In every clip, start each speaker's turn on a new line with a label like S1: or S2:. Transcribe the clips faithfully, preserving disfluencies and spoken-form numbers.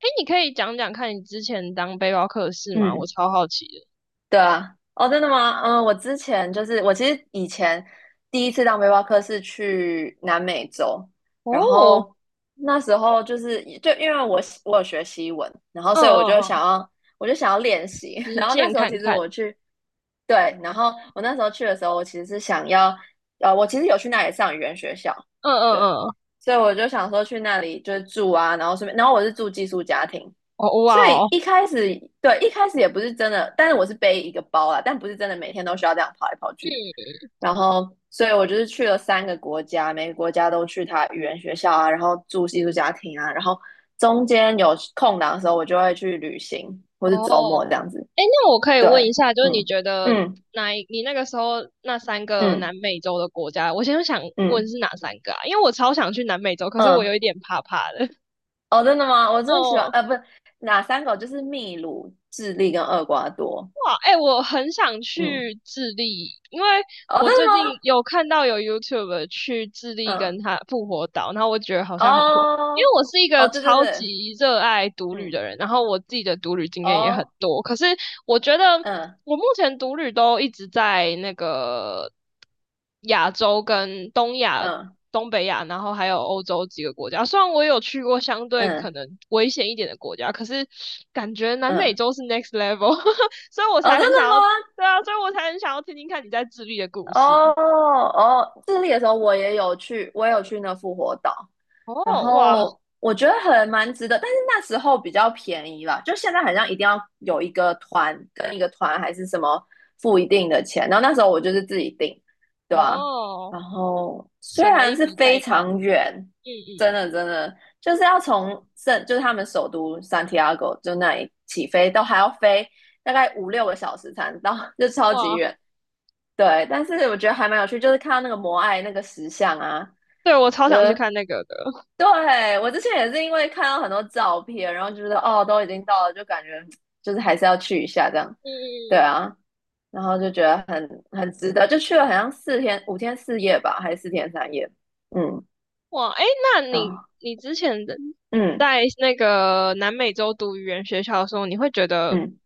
S1: 哎，你可以讲讲看你之前当背包客的事吗？我
S2: 嗯，
S1: 超好奇的。
S2: 对啊，哦，真的吗？嗯，我之前就是我其实以前第一次当背包客是去南美洲。然
S1: 哦，
S2: 后那时候就是就因为我西我有学西文，然后
S1: 嗯
S2: 所以我就
S1: 嗯
S2: 想
S1: 嗯，
S2: 要我就想要练习，
S1: 实
S2: 然后那
S1: 践
S2: 时候
S1: 看
S2: 其实
S1: 看。
S2: 我去。对，然后我那时候去的时候，我其实是想要呃，我其实有去那里上语言学校。
S1: 嗯
S2: 对，
S1: 嗯嗯，
S2: 所以我就想说去那里就是住啊，然后顺便然后我是住寄宿家庭。
S1: 哦
S2: 所
S1: 哇
S2: 以
S1: 哦，
S2: 一开始对一开始也不是真的，但是我是背一个包啊，但不是真的每天都需要这样跑来跑去。
S1: 嗯
S2: 然后，所以我就是去了三个国家，每个国家都去他语言学校啊，然后住寄宿家庭啊，然后中间有空档的时候，我就会去旅行，或是周
S1: 哦，
S2: 末这样子。
S1: 哎，那我可以问一
S2: 对，
S1: 下，就是你
S2: 嗯
S1: 觉得
S2: 嗯
S1: 哪一你那个时候那三个
S2: 嗯
S1: 南美洲的国家，我现在想问
S2: 嗯
S1: 是哪三个啊？因为我超想去南美洲，可是我
S2: 嗯，
S1: 有一点怕怕的。
S2: 哦，真的吗？我 最喜欢
S1: 哦。
S2: 呃，不是哪三个？就是秘鲁、智利跟厄瓜多。
S1: 哇，哎、我很想
S2: 嗯，
S1: 去智利，因为
S2: 哦，真
S1: 我
S2: 的
S1: 最近
S2: 吗？
S1: 有看到有 YouTube 去智利
S2: 嗯。
S1: 跟他复活岛，然后我觉得好像很酷，因为
S2: 哦，
S1: 我是一个
S2: 哦，对对
S1: 超
S2: 对，
S1: 级热爱独旅
S2: 嗯，
S1: 的人，然后我自己的独旅经验也很
S2: 哦，
S1: 多，可是我觉得
S2: 嗯
S1: 我目前独旅都一直在那个亚洲跟东亚。
S2: 嗯
S1: 东北亚，然后还有欧洲几个国家。虽然我有去过相对可
S2: 嗯
S1: 能危险一点的国家，可是感觉南美
S2: 嗯，
S1: 洲是 next level。所以我
S2: 哦，真
S1: 才很
S2: 的
S1: 想要，
S2: 吗？
S1: 对啊，所以我才很想要听听看你在自律的故
S2: 哦
S1: 事。
S2: 哦，智利的时候我也有去，我也有去那复活岛。然
S1: 哦，哇，
S2: 后我觉得很蛮值得，但是那时候比较便宜啦，就现在好像一定要有一个团跟一个团还是什么付一定的钱，然后那时候我就是自己订，对吧？
S1: 哦，
S2: 然后虽
S1: 省了
S2: 然
S1: 一
S2: 是
S1: 笔代
S2: 非
S1: 办，
S2: 常
S1: 嗯
S2: 远，真
S1: 嗯，
S2: 的真的就是要从圣就是他们首都 Santiago 就那里起飞，都还要飞大概五六个小时才能到，就超级
S1: 哇，
S2: 远。对，但是我觉得还蛮有趣，就是看到那个摩艾那个石像啊，
S1: 对，我超
S2: 就
S1: 想去
S2: 是
S1: 看那个的，
S2: 对，我之前也是因为看到很多照片，然后就觉得哦，都已经到了，就感觉就是还是要去一下这样。
S1: 嗯
S2: 对
S1: 嗯，
S2: 啊，然后就觉得很很值得，就去了好像四天五天四夜吧，还是四天三夜？嗯，
S1: 哇，哎，那你
S2: 啊、
S1: 你之前的
S2: 嗯
S1: 在那个南美洲读语言学校的时候，你会觉得，
S2: 嗯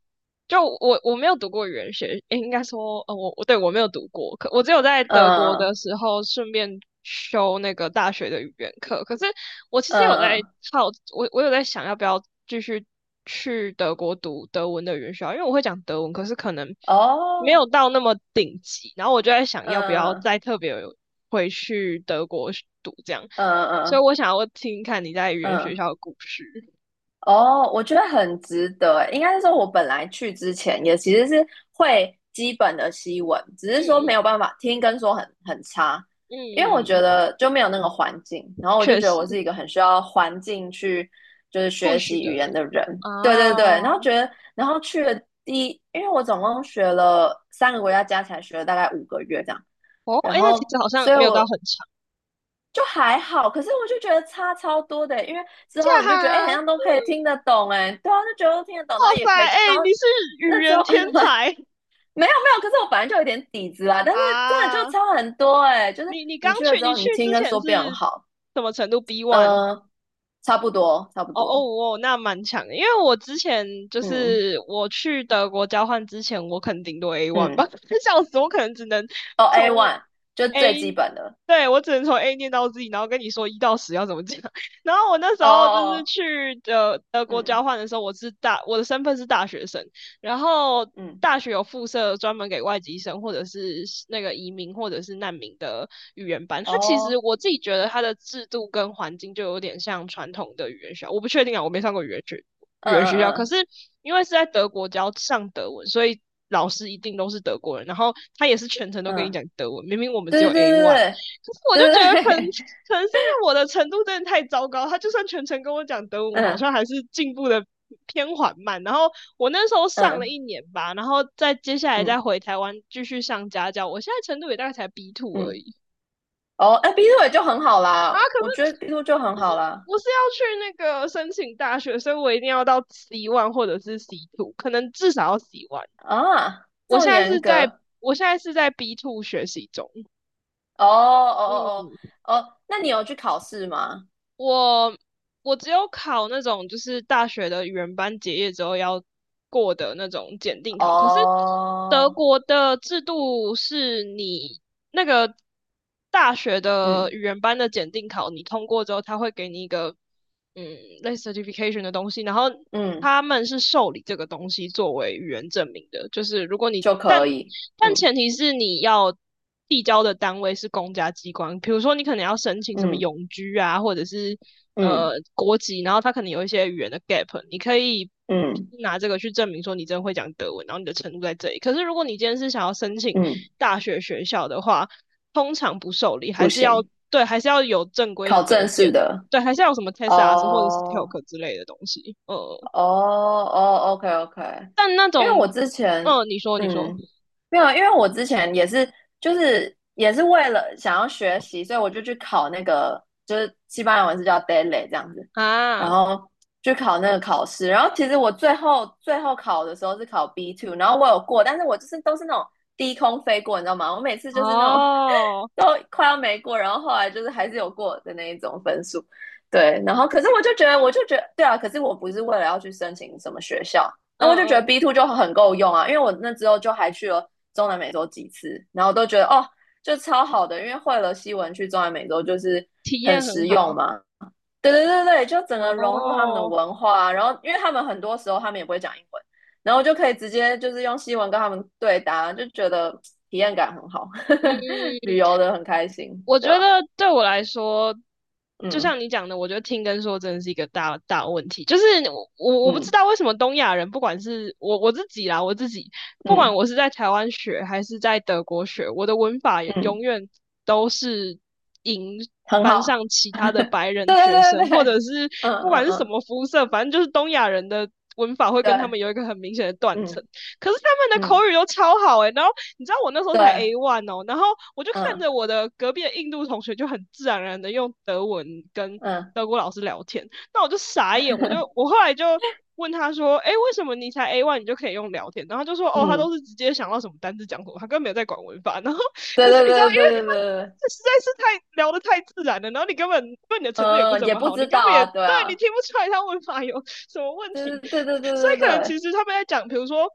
S1: 就我我没有读过语言学，诶应该说，呃，我我对我没有读过，可我只有在
S2: 嗯
S1: 德国的
S2: 嗯
S1: 时候顺便修那个大学的语言课。可是我其实
S2: 嗯
S1: 有在
S2: 嗯
S1: 好，我我有在想要不要继续去德国读德文的语言学校，因为我会讲德文，可是可能没有
S2: 哦，
S1: 到那么顶级。然后我就在想，要不要
S2: 嗯
S1: 再特别回去德国读这样。
S2: 嗯
S1: 所以
S2: 嗯
S1: 我想要听听看你在语言学
S2: 嗯
S1: 校的故事。
S2: 哦，我觉得很值得欸。应该是说，我本来去之前也其实是会基本的西文，只是
S1: 嗯
S2: 说没有
S1: 嗯
S2: 办法听跟说很很差。
S1: 嗯
S2: 因为我觉
S1: 嗯，嗯，
S2: 得就没有那个环境。然后我就
S1: 确
S2: 觉得
S1: 实，
S2: 我是一个很需要环境去就是
S1: 不
S2: 学
S1: 许
S2: 习
S1: 的
S2: 语
S1: 人
S2: 言的人。对对对，
S1: 啊，
S2: 然后觉得，然后去了第一，因为我总共学了三个国家，加起来学了大概五个月这样。
S1: 哦，
S2: 然
S1: 哎，那其
S2: 后，
S1: 实好像
S2: 所以
S1: 没有到很
S2: 我
S1: 长。
S2: 就还好，可是我就觉得差超多的欸因为之
S1: 这
S2: 后你就
S1: 样
S2: 觉得，哎、欸
S1: 啊，
S2: 好
S1: 哇
S2: 像都可以听得懂，哎，对啊，就觉得都听得懂，然后也
S1: 塞，
S2: 可以
S1: 哎，
S2: 讲，然后
S1: 你是语
S2: 那之
S1: 言
S2: 后啊
S1: 天才
S2: 没有没有，可是我本来就有点底子啦，但是真的就
S1: 啊！
S2: 差很多，哎，就是
S1: 你你
S2: 你
S1: 刚
S2: 去了
S1: 去，
S2: 之
S1: 你
S2: 后，
S1: 去
S2: 你听
S1: 之
S2: 跟
S1: 前
S2: 说变
S1: 是
S2: 好，
S1: 什么程度？B one
S2: 嗯，差不多，差不
S1: 哦
S2: 多，
S1: 哦哦，那蛮强的，因为我之前就
S2: 嗯
S1: 是我去德国交换之前，我可能顶多 A one 吧，
S2: 嗯，
S1: 笑死，我可能只能
S2: 哦
S1: 从
S2: ，A one 就
S1: A，
S2: 最基本的。
S1: 对，我只能从 A 念到 Z，然后跟你说一到十要怎么讲。然后我那时
S2: 哦哦
S1: 候就是
S2: 哦，
S1: 去德德国交
S2: 嗯
S1: 换的时候，我是大，我的身份是大学生，然后
S2: 嗯，
S1: 大学有附设专门给外籍生或者是那个移民或者是难民的语言班。它其实
S2: 哦，
S1: 我自己觉得它的制度跟环境就有点像传统的语言学校，我不确定啊，我没上过语言学语
S2: 嗯
S1: 言学校。可
S2: 嗯
S1: 是因为是在德国教上德文，所以老师一定都是德国人，然后他也是全程都
S2: 嗯
S1: 跟你
S2: 嗯，
S1: 讲德文。明明我们只有
S2: 对
S1: A
S2: 对
S1: one,
S2: 对
S1: 可是我就
S2: 对
S1: 觉
S2: 对对
S1: 得可能
S2: 对对，
S1: 可能是因为我的程度真的太糟糕，他就算全程跟我讲德文，我好
S2: 嗯
S1: 像还是进步的偏缓慢。然后我那时候上了
S2: 嗯
S1: 一年吧，然后再接下来
S2: 嗯
S1: 再回台湾继续上家教。我现在程度也大概才 B two 而
S2: 嗯。
S1: 已
S2: 哦，哎，B t 也就很好
S1: 啊。
S2: 啦，
S1: 可
S2: 我觉得
S1: 是
S2: B t 就很好啦。
S1: 我是要去那个申请大学，所以我一定要到 C one 或者是 C two，可能至少要 C one。
S2: 啊，这
S1: 我
S2: 么
S1: 现在
S2: 严
S1: 是在
S2: 格？
S1: 我现在是在 B two 学习中。
S2: 哦哦哦哦哦，那你有去考试吗？
S1: 我我只有考那种就是大学的语言班结业之后要过的那种检定考，可是德
S2: 哦，
S1: 国的制度是你那个大学的
S2: 嗯
S1: 语言班的检定考，你通过之后，他会给你一个嗯类似 certification 的东西，然后
S2: 嗯，
S1: 他们是受理这个东西作为语言证明的，就是如果你
S2: 就
S1: 但
S2: 可以，
S1: 但
S2: 嗯
S1: 前提是你要递交的单位是公家机关，比如说你可能要申请什么
S2: 嗯
S1: 永居啊，或者是呃
S2: 嗯
S1: 国籍，然后它可能有一些语言的 gap，你可以
S2: 嗯
S1: 拿这个去证明说你真的会讲德文，然后你的程度在这里。可是如果你今天是想要申请
S2: 嗯，
S1: 大学学校的话，通常不受理，还
S2: 不
S1: 是要
S2: 行，
S1: 对，还是要有正规的
S2: 考
S1: 德
S2: 正
S1: 检，
S2: 式的。
S1: 对，还是要有什么 TESAS 或者是
S2: 哦
S1: TELK 之类的东西。呃，
S2: 哦哦，OK OK，
S1: 但那
S2: 因为我
S1: 种，
S2: 之前
S1: 嗯、你说，你说
S2: 嗯没有，因为我之前也是就是也是为了想要学习，所以我就去考那个就是西班牙文是叫 d a i l y 这样子。然
S1: 啊，
S2: 后去考那个考试，然后其实我最后最后考的时候是考 B two，然后我有过，但是我就是都是那种低空飞过，你知道吗？我每次就是那种
S1: 哦。
S2: 都快要没过，然后后来就是还是有过的那一种分数。对，然后可是我就觉得，我就觉得，对啊，可是我不是为了要去申请什么学校，
S1: 嗯
S2: 那我就觉得
S1: 嗯，
S2: B two 就很够用啊，因为我那之后就还去了中南美洲几次，然后都觉得哦，就超好的，因为会了西文去中南美洲就是
S1: 体
S2: 很
S1: 验很
S2: 实用
S1: 好。
S2: 嘛。对对对对，就整个融入他们的
S1: 哦，
S2: 文化啊然后因为他们很多时候他们也不会讲英文，然后就可以直接就是用西文跟他们对答，就觉得体验感很好，旅
S1: 嗯，
S2: 游的很开心，
S1: 我
S2: 对
S1: 觉
S2: 吧？
S1: 得对我来说，就像你讲的，我觉得听跟说真的是一个大大问题。就是我我我不知
S2: 嗯
S1: 道为什么东亚人，不管是我我自己啦，我自己，不管
S2: 嗯
S1: 我是在台湾学还是在德国学，我的文法
S2: 嗯嗯。
S1: 永
S2: 嗯
S1: 远都是赢
S2: 很
S1: 班
S2: 好。
S1: 上其他的 白人
S2: 对
S1: 学
S2: 对
S1: 生，
S2: 对对，
S1: 或者
S2: 对
S1: 是
S2: 嗯
S1: 不管
S2: 嗯
S1: 是什
S2: 嗯，
S1: 么肤色，反正就是东亚人的文法会跟他
S2: 对，
S1: 们有一个很明显的断层。
S2: 嗯
S1: 可是他们的口
S2: 嗯
S1: 语都超好诶、欸然后你知道我那时候
S2: 对，
S1: 才 A one 哦，然后我就看
S2: 嗯
S1: 着我的隔壁的印度同学就很自然而然的用德文跟
S2: 嗯
S1: 德国老师聊天，那我就傻眼，我就我后来就。问他说：“哎，为什么你才 A one 你就可以用聊天？”然后他就说：“哦，他
S2: 嗯，
S1: 都是直接想到什么单字讲什么，他根本没有在管文法。”然后，
S2: 对
S1: 可是
S2: 对
S1: 你知道，
S2: 对对
S1: 因为
S2: 对对
S1: 他们
S2: 对，
S1: 这实在是太聊得太自然了，然后你根本对你的程度也不
S2: 嗯，
S1: 怎
S2: 也
S1: 么
S2: 不
S1: 好，你
S2: 知
S1: 根
S2: 道
S1: 本也
S2: 啊，对
S1: 对你
S2: 啊，
S1: 听不出来他文法有什么问
S2: 对
S1: 题，
S2: 对对对
S1: 所
S2: 对对
S1: 以可能其
S2: 对，
S1: 实他们在讲，比如说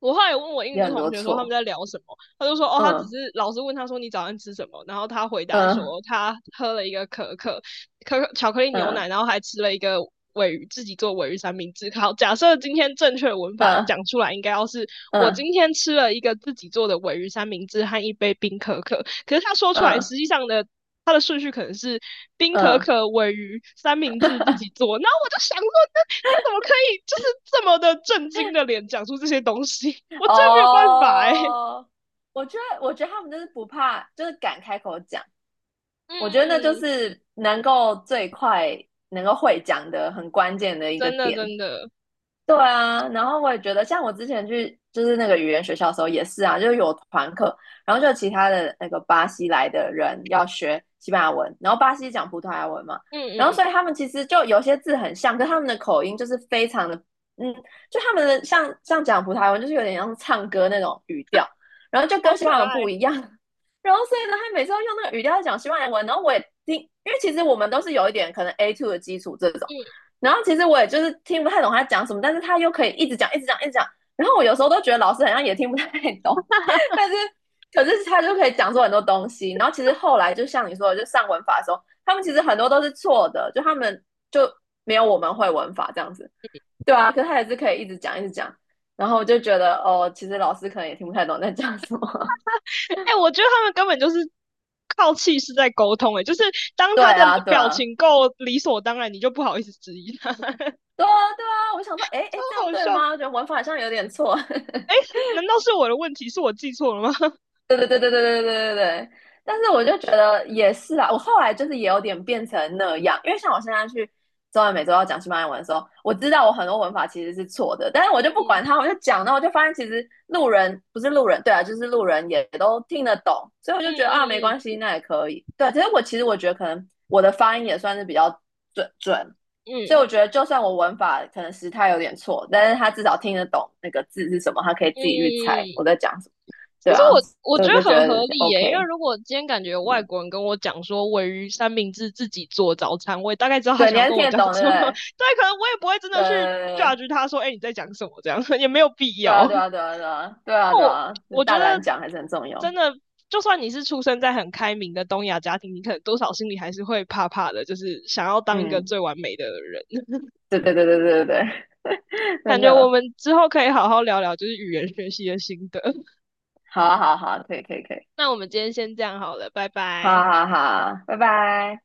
S1: 我后来有问我印
S2: 有
S1: 度
S2: 很
S1: 同
S2: 多
S1: 学说他们
S2: 错，
S1: 在聊什么，他就说哦，他只是
S2: 嗯
S1: 老师问他说你早上吃什么，然后他回答
S2: 嗯
S1: 说他喝了一个可可可可巧克力牛奶，
S2: 嗯
S1: 然后还吃了一个尾鱼，自己做尾鱼三明治。好，假设今天正确的文法讲
S2: 嗯
S1: 出来，应该要是我
S2: 嗯
S1: 今天吃了一个自己做的尾鱼三明治和一杯冰可可，可是他说出来
S2: 嗯
S1: 实际上的。他的顺序可能是冰可
S2: 嗯，
S1: 可、尾鱼、三明治自己做，然后我就想说，你怎么可以就是这么的震惊的脸讲出这些东西？我真没有办法哎、嗯
S2: 哦，我觉得我觉得他们就是不怕，就是敢开口讲，我觉得那就
S1: 嗯，嗯
S2: 是能够最快能够会讲的很关键的一个
S1: 真的
S2: 点，
S1: 真的，
S2: 对啊，然后我也觉得，像我之前去就是那个语言学校的时候也是啊，就是有团课。然后就有其他的那个巴西来的人要学西班牙文，然后巴西讲葡萄牙文嘛，
S1: 嗯嗯
S2: 然后所以
S1: 嗯，
S2: 他们其实就有些字很像，跟他们的口音就是非常的，嗯，就他们的像像讲葡萄牙文就是有点像唱歌那种语调，然后就
S1: 好
S2: 跟西班牙
S1: 可
S2: 文不
S1: 爱，
S2: 一样，然后所以呢，他每次要用那个语调在讲西班牙文，然后我也听，因为其实我们都是有一点可能 A two 的基础这种。
S1: 嗯，
S2: 然后其实我也就是听不太懂他讲什么，但是他又可以一直讲，一直讲，一直讲。然后我有时候都觉得老师好像也听不太懂，但是可是他就可以讲出很多东西。然后其实后来就像你说的，就上文法的时候，他们其实很多都是错的，就他们就没有我们会文法这样子，对啊。可是他也是可以一直讲，一直讲。然后我就觉得哦，其实老师可能也听不太懂在讲什么。
S1: 哎、欸我觉得他们根本就是靠气势在沟通、欸，哎，就是 当
S2: 对
S1: 他的
S2: 啊，对
S1: 表
S2: 啊，
S1: 情够理所当然，你就不好意思质疑他，
S2: 对啊，对啊。我想说，哎
S1: 超
S2: 哎，这样
S1: 好
S2: 对
S1: 笑。
S2: 吗？我觉得文法好像有点错。
S1: 哎、欸难道是我的问题？是我记错了吗？
S2: 对对对对对对对对对，但是我就觉得也是啊，我后来就是也有点变成那样，因为像我现在去中南每周要讲西班牙文的时候，我知道我很多文法其实是错的，但是我就不
S1: 嗯
S2: 管它，我就讲，然后我就发现其实路人不是路人，对啊，就是路人也都听得懂，所以我
S1: 嗯
S2: 就觉得啊，没关
S1: 嗯
S2: 系，那也可以。对啊，其实我其实我觉得可能我的发音也算是比较准准，
S1: 嗯嗯嗯
S2: 所
S1: 嗯
S2: 以
S1: 嗯
S2: 我觉
S1: 嗯。
S2: 得就算我文法可能时态有点错，但是他至少听得懂那个字是什么，他可以
S1: 嗯
S2: 自己去猜
S1: 嗯
S2: 我
S1: 嗯
S2: 在讲什么。对
S1: 其实
S2: 啊，
S1: 我我
S2: 所以我
S1: 觉
S2: 就
S1: 得
S2: 觉
S1: 很
S2: 得
S1: 合理耶，因为
S2: OK，
S1: 如果今天感觉有外
S2: 嗯，
S1: 国人跟我讲说鲔鱼三明治自己做早餐，我也大概知道他
S2: 对，
S1: 想
S2: 你
S1: 要
S2: 还是
S1: 跟
S2: 听
S1: 我
S2: 得
S1: 讲
S2: 懂，对
S1: 什
S2: 不
S1: 么。
S2: 对？
S1: 对，可能我也不会真的去
S2: 对，
S1: judge 他说，哎、欸你在讲什么这样，也没有必
S2: 对啊，
S1: 要。
S2: 对啊，对啊，对啊，对啊，对
S1: 我
S2: 啊，
S1: 我觉
S2: 大
S1: 得
S2: 胆讲还是很重要。
S1: 真的，就算你是出生在很开明的东亚家庭，你可能多少心里还是会怕怕的，就是想要当一个
S2: 嗯，
S1: 最完美的人。
S2: 对对对对对对对，
S1: 感
S2: 真
S1: 觉我
S2: 的，
S1: 们之后可以好好聊聊，就是语言学习的心得。
S2: 好啊好啊好啊，可以可以可以，
S1: 那我们今天先这样好了，拜
S2: 好
S1: 拜。
S2: 啊好啊好啊拜拜。